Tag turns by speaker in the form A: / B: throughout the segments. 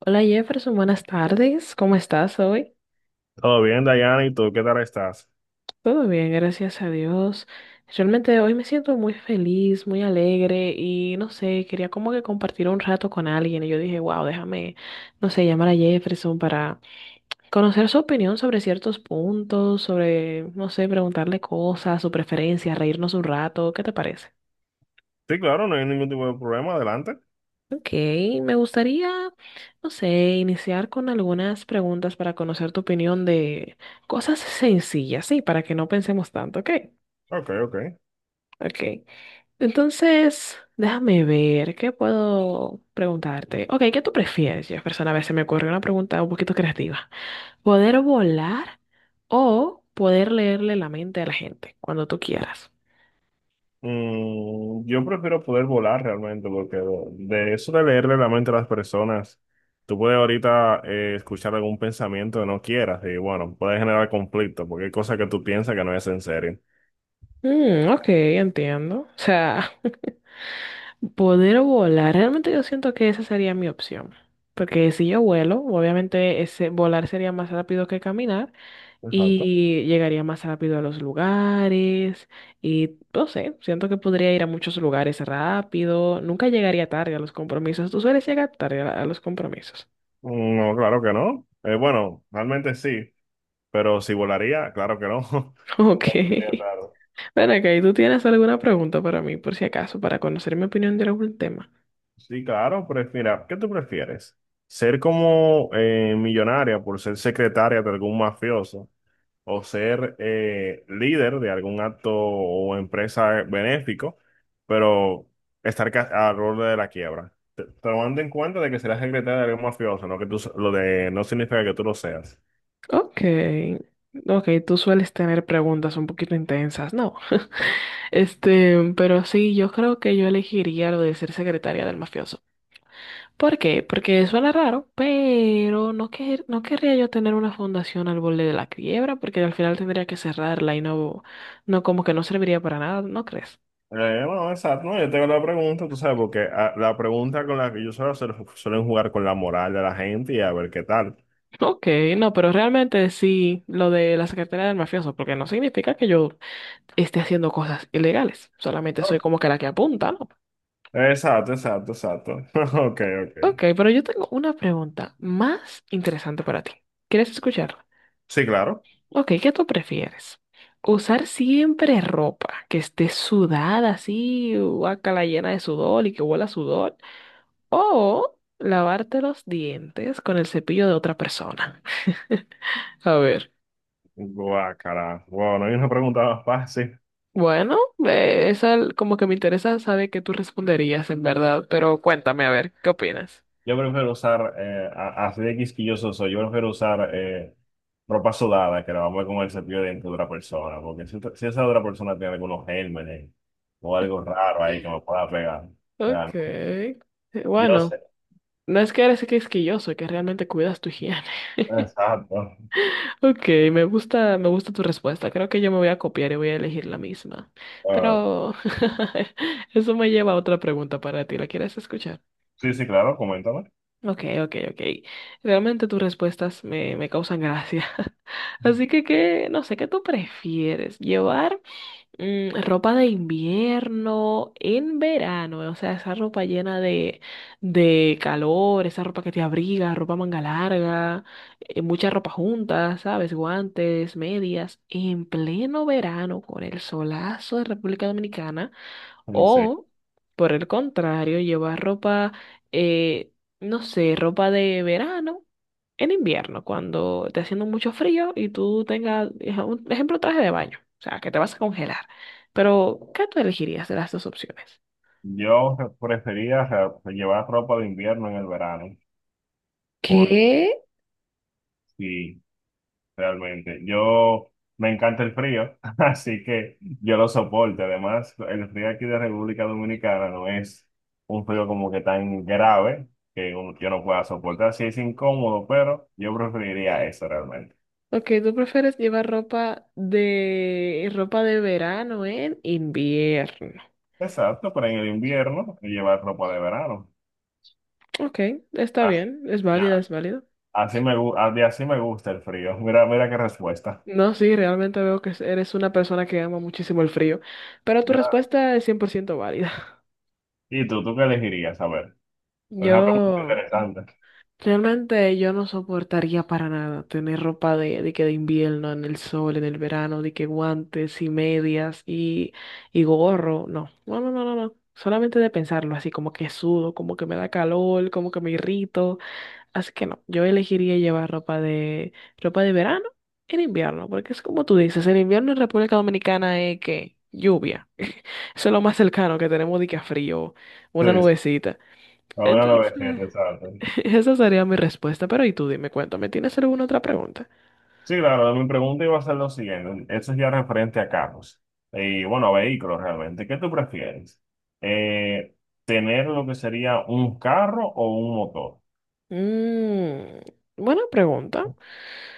A: Hola Jefferson, buenas tardes. ¿Cómo estás hoy?
B: Todo bien, Dayana, ¿y tú qué tal estás?
A: Todo bien, gracias a Dios. Realmente hoy me siento muy feliz, muy alegre y no sé, quería como que compartir un rato con alguien y yo dije, wow, déjame, no sé, llamar a Jefferson para conocer su opinión sobre ciertos puntos, sobre, no sé, preguntarle cosas, su preferencia, reírnos un rato. ¿Qué te parece?
B: Sí, claro, no hay ningún tipo de problema, adelante.
A: Ok, me gustaría, no sé, iniciar con algunas preguntas para conocer tu opinión de cosas sencillas, sí, para que no pensemos tanto, ok,
B: Ok, ok.
A: ok. Entonces, déjame ver, ¿qué puedo preguntarte? Ok, ¿qué tú prefieres, Jefferson? A ver, se me ocurrió una pregunta un poquito creativa. ¿Poder volar o poder leerle la mente a la gente cuando tú quieras?
B: Yo prefiero poder volar realmente, porque de eso de leerle la mente a las personas, tú puedes ahorita escuchar algún pensamiento que no quieras y bueno, puede generar conflicto, porque hay cosas que tú piensas que no es en serio.
A: Mm, ok, entiendo. O sea... Poder volar, realmente yo siento que esa sería mi opción. Porque si yo vuelo, obviamente ese volar sería más rápido que caminar
B: Exacto.
A: y llegaría más rápido a los lugares y no sé, siento que podría ir a muchos lugares rápido, nunca llegaría tarde a los compromisos. Tú sueles llegar tarde a los compromisos.
B: Mm, no, claro que no. Bueno, realmente sí, pero si volaría, claro que no. No,
A: Ok.
B: claro.
A: Ven acá, ¿y tú tienes alguna pregunta para mí, por si acaso, para conocer mi opinión de algún tema?
B: Sí, claro, pero mira, ¿qué tú prefieres? ¿Ser como millonaria por ser secretaria de algún mafioso o ser líder de algún acto o empresa benéfico, pero estar al borde de la quiebra? Tomando en cuenta de que serás secretaria de algún mafioso, no que tú, lo de no significa que tú lo seas.
A: Ok, ok, tú sueles tener preguntas un poquito intensas, ¿no? Este, pero sí, yo creo que yo elegiría lo de ser secretaria del mafioso. ¿Por qué? Porque suena raro, pero no, no querría yo tener una fundación al borde de la quiebra, porque al final tendría que cerrarla y no, no como que no serviría para nada, ¿no crees?
B: Bueno, exacto. No, yo tengo la pregunta, tú sabes, porque la pregunta con la que yo suelo hacer suelen jugar con la moral de la gente y a ver qué tal.
A: Ok, no, pero realmente sí, lo de la secretaria del mafioso, porque no significa que yo esté haciendo cosas ilegales, solamente soy
B: Oh.
A: como que la que apunta, ¿no?
B: Exacto, exacto, exacto. Ok, ok.
A: Ok, pero yo tengo una pregunta más interesante para ti. ¿Quieres escucharla?
B: Sí, claro.
A: Ok, ¿qué tú prefieres? ¿Usar siempre ropa que esté sudada así, guácala llena de sudor y que huela a sudor? ¿O lavarte los dientes con el cepillo de otra persona? A ver.
B: Guácala. Bueno, hay una pregunta más fácil.
A: Bueno, como que me interesa saber qué tú responderías en verdad, pero cuéntame a ver, ¿qué opinas?
B: Yo prefiero usar, así de quisquilloso soy, yo prefiero usar ropa sudada que la vamos a ver con el cepillo de dientes de otra persona, porque si, si esa otra persona tiene algunos gérmenes o algo raro ahí que me pueda pegar, o
A: Ok.
B: sea, yo
A: Bueno.
B: sé.
A: No es que eres quisquilloso, que realmente cuidas tu higiene.
B: Exacto.
A: Ok, me gusta tu respuesta. Creo que yo me voy a copiar y voy a elegir la misma.
B: Ah,
A: Pero eso me lleva a otra pregunta para ti. ¿La quieres escuchar?
B: sí, sí, claro, coméntame.
A: Ok, ok, ok. Realmente tus respuestas me causan gracia. Así que, ¿qué? No sé, ¿qué tú prefieres? ¿Llevar ropa de invierno en verano, o sea, esa ropa llena de calor, esa ropa que te abriga, ropa manga larga, mucha ropa junta, ¿sabes? Guantes, medias, en pleno verano con el solazo de República Dominicana,
B: Sí, sí.
A: o por el contrario, llevar ropa, eh, no sé, ropa de verano en invierno, cuando esté haciendo mucho frío y tú tengas, un ejemplo, traje de baño, o sea, que te vas a congelar. Pero, ¿qué tú elegirías de las dos opciones?
B: Yo re- prefería ra- Llevar ropa de invierno en el verano, porque
A: ¿Qué?
B: sí, realmente. Yo me encanta el frío, así que yo lo soporto. Además, el frío aquí de República Dominicana no es un frío como que tan grave que yo no pueda soportar. Sí es incómodo, pero yo preferiría eso realmente.
A: Ok, ¿tú prefieres llevar ropa de verano en invierno?
B: Exacto, pero en el invierno llevar ropa de verano.
A: Ok, está
B: Ah,
A: bien, es válida,
B: ya.
A: es válido.
B: Así me, gu- a- de así me gusta el frío. Mira, mira qué respuesta.
A: No, sí, realmente veo que eres una persona que ama muchísimo el frío, pero tu
B: Mira,
A: respuesta es 100% válida.
B: ¿y tú qué elegirías? A ver, es una pregunta
A: Yo...
B: interesante.
A: Realmente yo no soportaría para nada tener ropa de invierno, en el sol, en el verano, de que guantes y medias y gorro. No, no, no, no, no, no. Solamente de pensarlo, así como que sudo, como que me da calor, como que me irrito. Así que no, yo elegiría llevar ropa de verano en invierno, porque es como tú dices, el invierno en República Dominicana es que lluvia. Eso es lo más cercano que tenemos de que a frío,
B: Sí,
A: una
B: sí,
A: nubecita.
B: ahora lo
A: Entonces,
B: ves interesante.
A: esa sería mi respuesta, pero y tú dime, cuéntame, ¿tienes alguna otra pregunta?
B: Sí, claro, mi pregunta iba a ser lo siguiente. Eso es ya referente a carros. Y bueno, a vehículos realmente. ¿Qué tú prefieres? Eh, ¿Tener lo que sería un carro o un motor?
A: Mm, buena pregunta.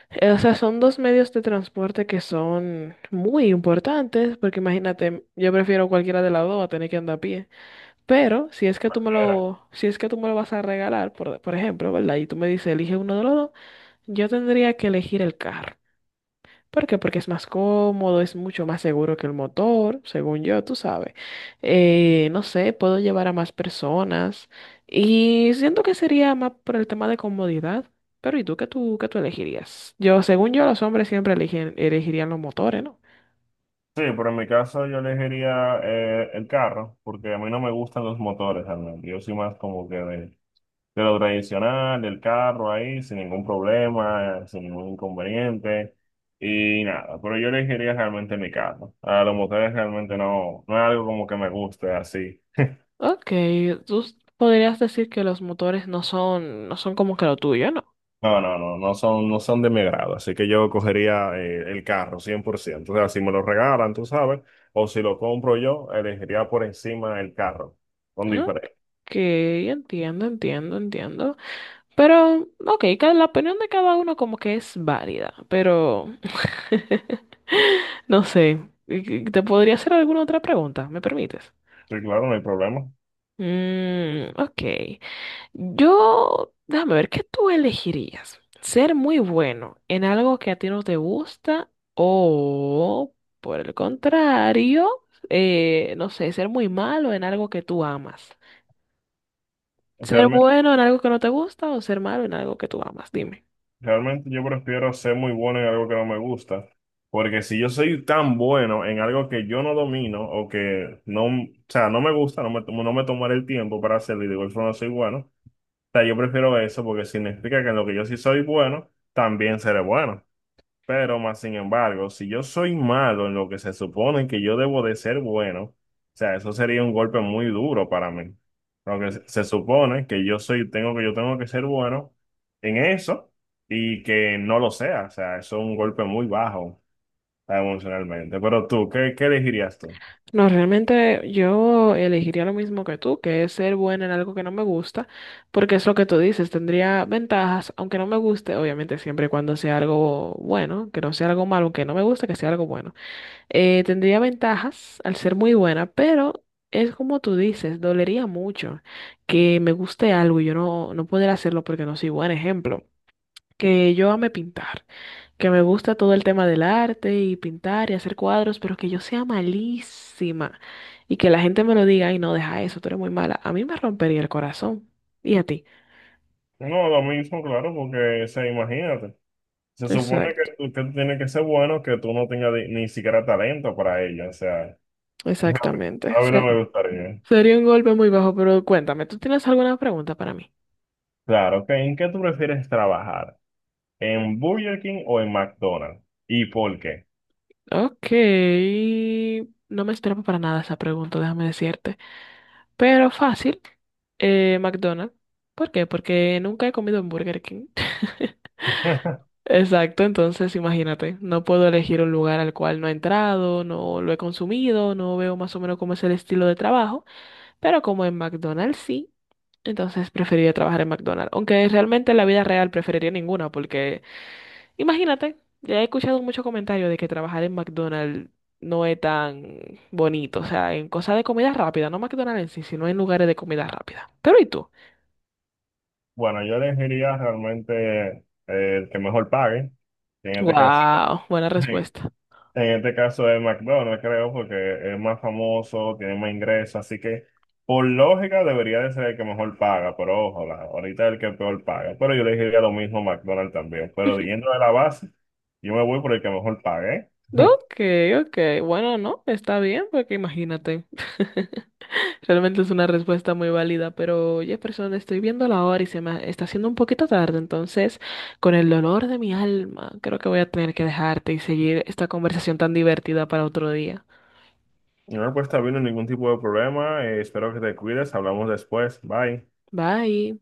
A: O sea, son dos medios de transporte que son muy importantes, porque imagínate, yo prefiero cualquiera de las dos a tener que andar a pie. Pero si es que tú me
B: Cualquiera.
A: lo, si es que tú me lo vas a regalar, por ejemplo, ¿verdad? Y tú me dices, elige uno de los dos, yo tendría que elegir el carro. ¿Por qué? Porque es más cómodo, es mucho más seguro que el motor, según yo, tú sabes. No sé, puedo llevar a más personas y siento que sería más por el tema de comodidad. Pero ¿y tú qué tú qué tú elegirías? Yo, según yo, los hombres siempre elegirían los motores, ¿no?
B: Sí, pero en mi caso yo elegiría el carro, porque a mí no me gustan los motores realmente. Yo soy más como que de lo tradicional, del carro ahí, sin ningún problema, sin ningún inconveniente. Y nada, pero yo elegiría realmente mi carro. A los motores realmente no, no es algo como que me guste así.
A: Ok, podrías decir que los motores no son como que lo tuyo, ¿no?
B: No, no, no, no son, no son de mi grado, así que yo cogería el carro 100%. O sea, si me lo regalan, tú sabes, o si lo compro yo, elegiría por encima el carro, con diferencia.
A: Ok, entiendo, entiendo, entiendo. Pero, ok, la opinión de cada uno como que es válida, pero no sé. ¿Te podría hacer alguna otra pregunta? ¿Me permites?
B: Sí, claro, no hay problema.
A: Mm, ok. Yo, déjame ver, ¿qué tú elegirías? ¿Ser muy bueno en algo que a ti no te gusta o, por el contrario, no sé, ser muy malo en algo que tú amas? ¿Ser bueno en algo que no te gusta o ser malo en algo que tú amas? Dime.
B: Realmente yo prefiero ser muy bueno en algo que no me gusta, porque si yo soy tan bueno en algo que yo no domino o que no, o sea, no me gusta, no me tomaré el tiempo para hacerlo y de igual forma soy bueno, o sea, yo prefiero eso porque significa que en lo que yo sí soy bueno, también seré bueno. Pero más sin embargo, si yo soy malo en lo que se supone que yo debo de ser bueno, o sea, eso sería un golpe muy duro para mí. Porque se supone que yo soy, tengo que yo tengo que ser bueno en eso y que no lo sea. O sea, eso es un golpe muy bajo emocionalmente. Pero tú, ¿qué, qué elegirías tú?
A: No, realmente yo elegiría lo mismo que tú, que es ser buena en algo que no me gusta, porque es lo que tú dices, tendría ventajas, aunque no me guste, obviamente siempre y cuando sea algo bueno, que no sea algo malo, aunque no me guste, que sea algo bueno. Tendría ventajas al ser muy buena, pero es como tú dices, dolería mucho que me guste algo y yo no, no poder hacerlo porque no soy buen ejemplo. Que yo ame pintar, que me gusta todo el tema del arte y pintar y hacer cuadros, pero que yo sea malísima y que la gente me lo diga, ay, no, deja eso, tú eres muy mala. A mí me rompería el corazón. ¿Y a ti?
B: No, lo mismo, claro, porque, o sea, imagínate. Se supone
A: Exacto,
B: que tú tienes que ser bueno, que tú no tengas ni siquiera talento para ello. O sea,
A: exactamente.
B: a mí no me gustaría.
A: Sería un golpe muy bajo, pero cuéntame, ¿tú tienes alguna pregunta para mí?
B: Claro, ok. ¿En qué tú prefieres trabajar? ¿En Burger King o en McDonald's? ¿Y por qué?
A: Ok, no me esperaba para nada esa pregunta, déjame decirte. Pero fácil, McDonald's. ¿Por qué? Porque nunca he comido en Burger King. Exacto, entonces imagínate, no puedo elegir un lugar al cual no he entrado, no lo he consumido, no veo más o menos cómo es el estilo de trabajo, pero como en McDonald's sí, entonces preferiría trabajar en McDonald's, aunque realmente en la vida real preferiría ninguna, porque imagínate, ya he escuchado muchos comentarios de que trabajar en McDonald's no es tan bonito, o sea, en cosas de comida rápida, no McDonald's en sí, sino en lugares de comida rápida. Pero ¿y tú?
B: Bueno, yo elegiría realmente el que mejor pague. En este caso,
A: Wow, buena
B: en
A: respuesta.
B: este caso es McDonald's, creo, porque es más famoso, tiene más ingresos, así que por lógica debería de ser el que mejor paga, pero ojo, ahorita el que peor paga. Pero yo elegiría lo mismo McDonald's también. Pero yendo de la base, yo me voy por el que mejor pague. ¿Eh?
A: Ok, ok. Bueno, no, está bien, porque imagínate. Realmente es una respuesta muy válida, pero Jefferson, estoy viendo la hora y se me está haciendo un poquito tarde, entonces, con el dolor de mi alma, creo que voy a tener que dejarte y seguir esta conversación tan divertida para otro día.
B: No, pues está bien, no ningún tipo de problema. Espero que te cuides. Hablamos después. Bye.
A: Bye.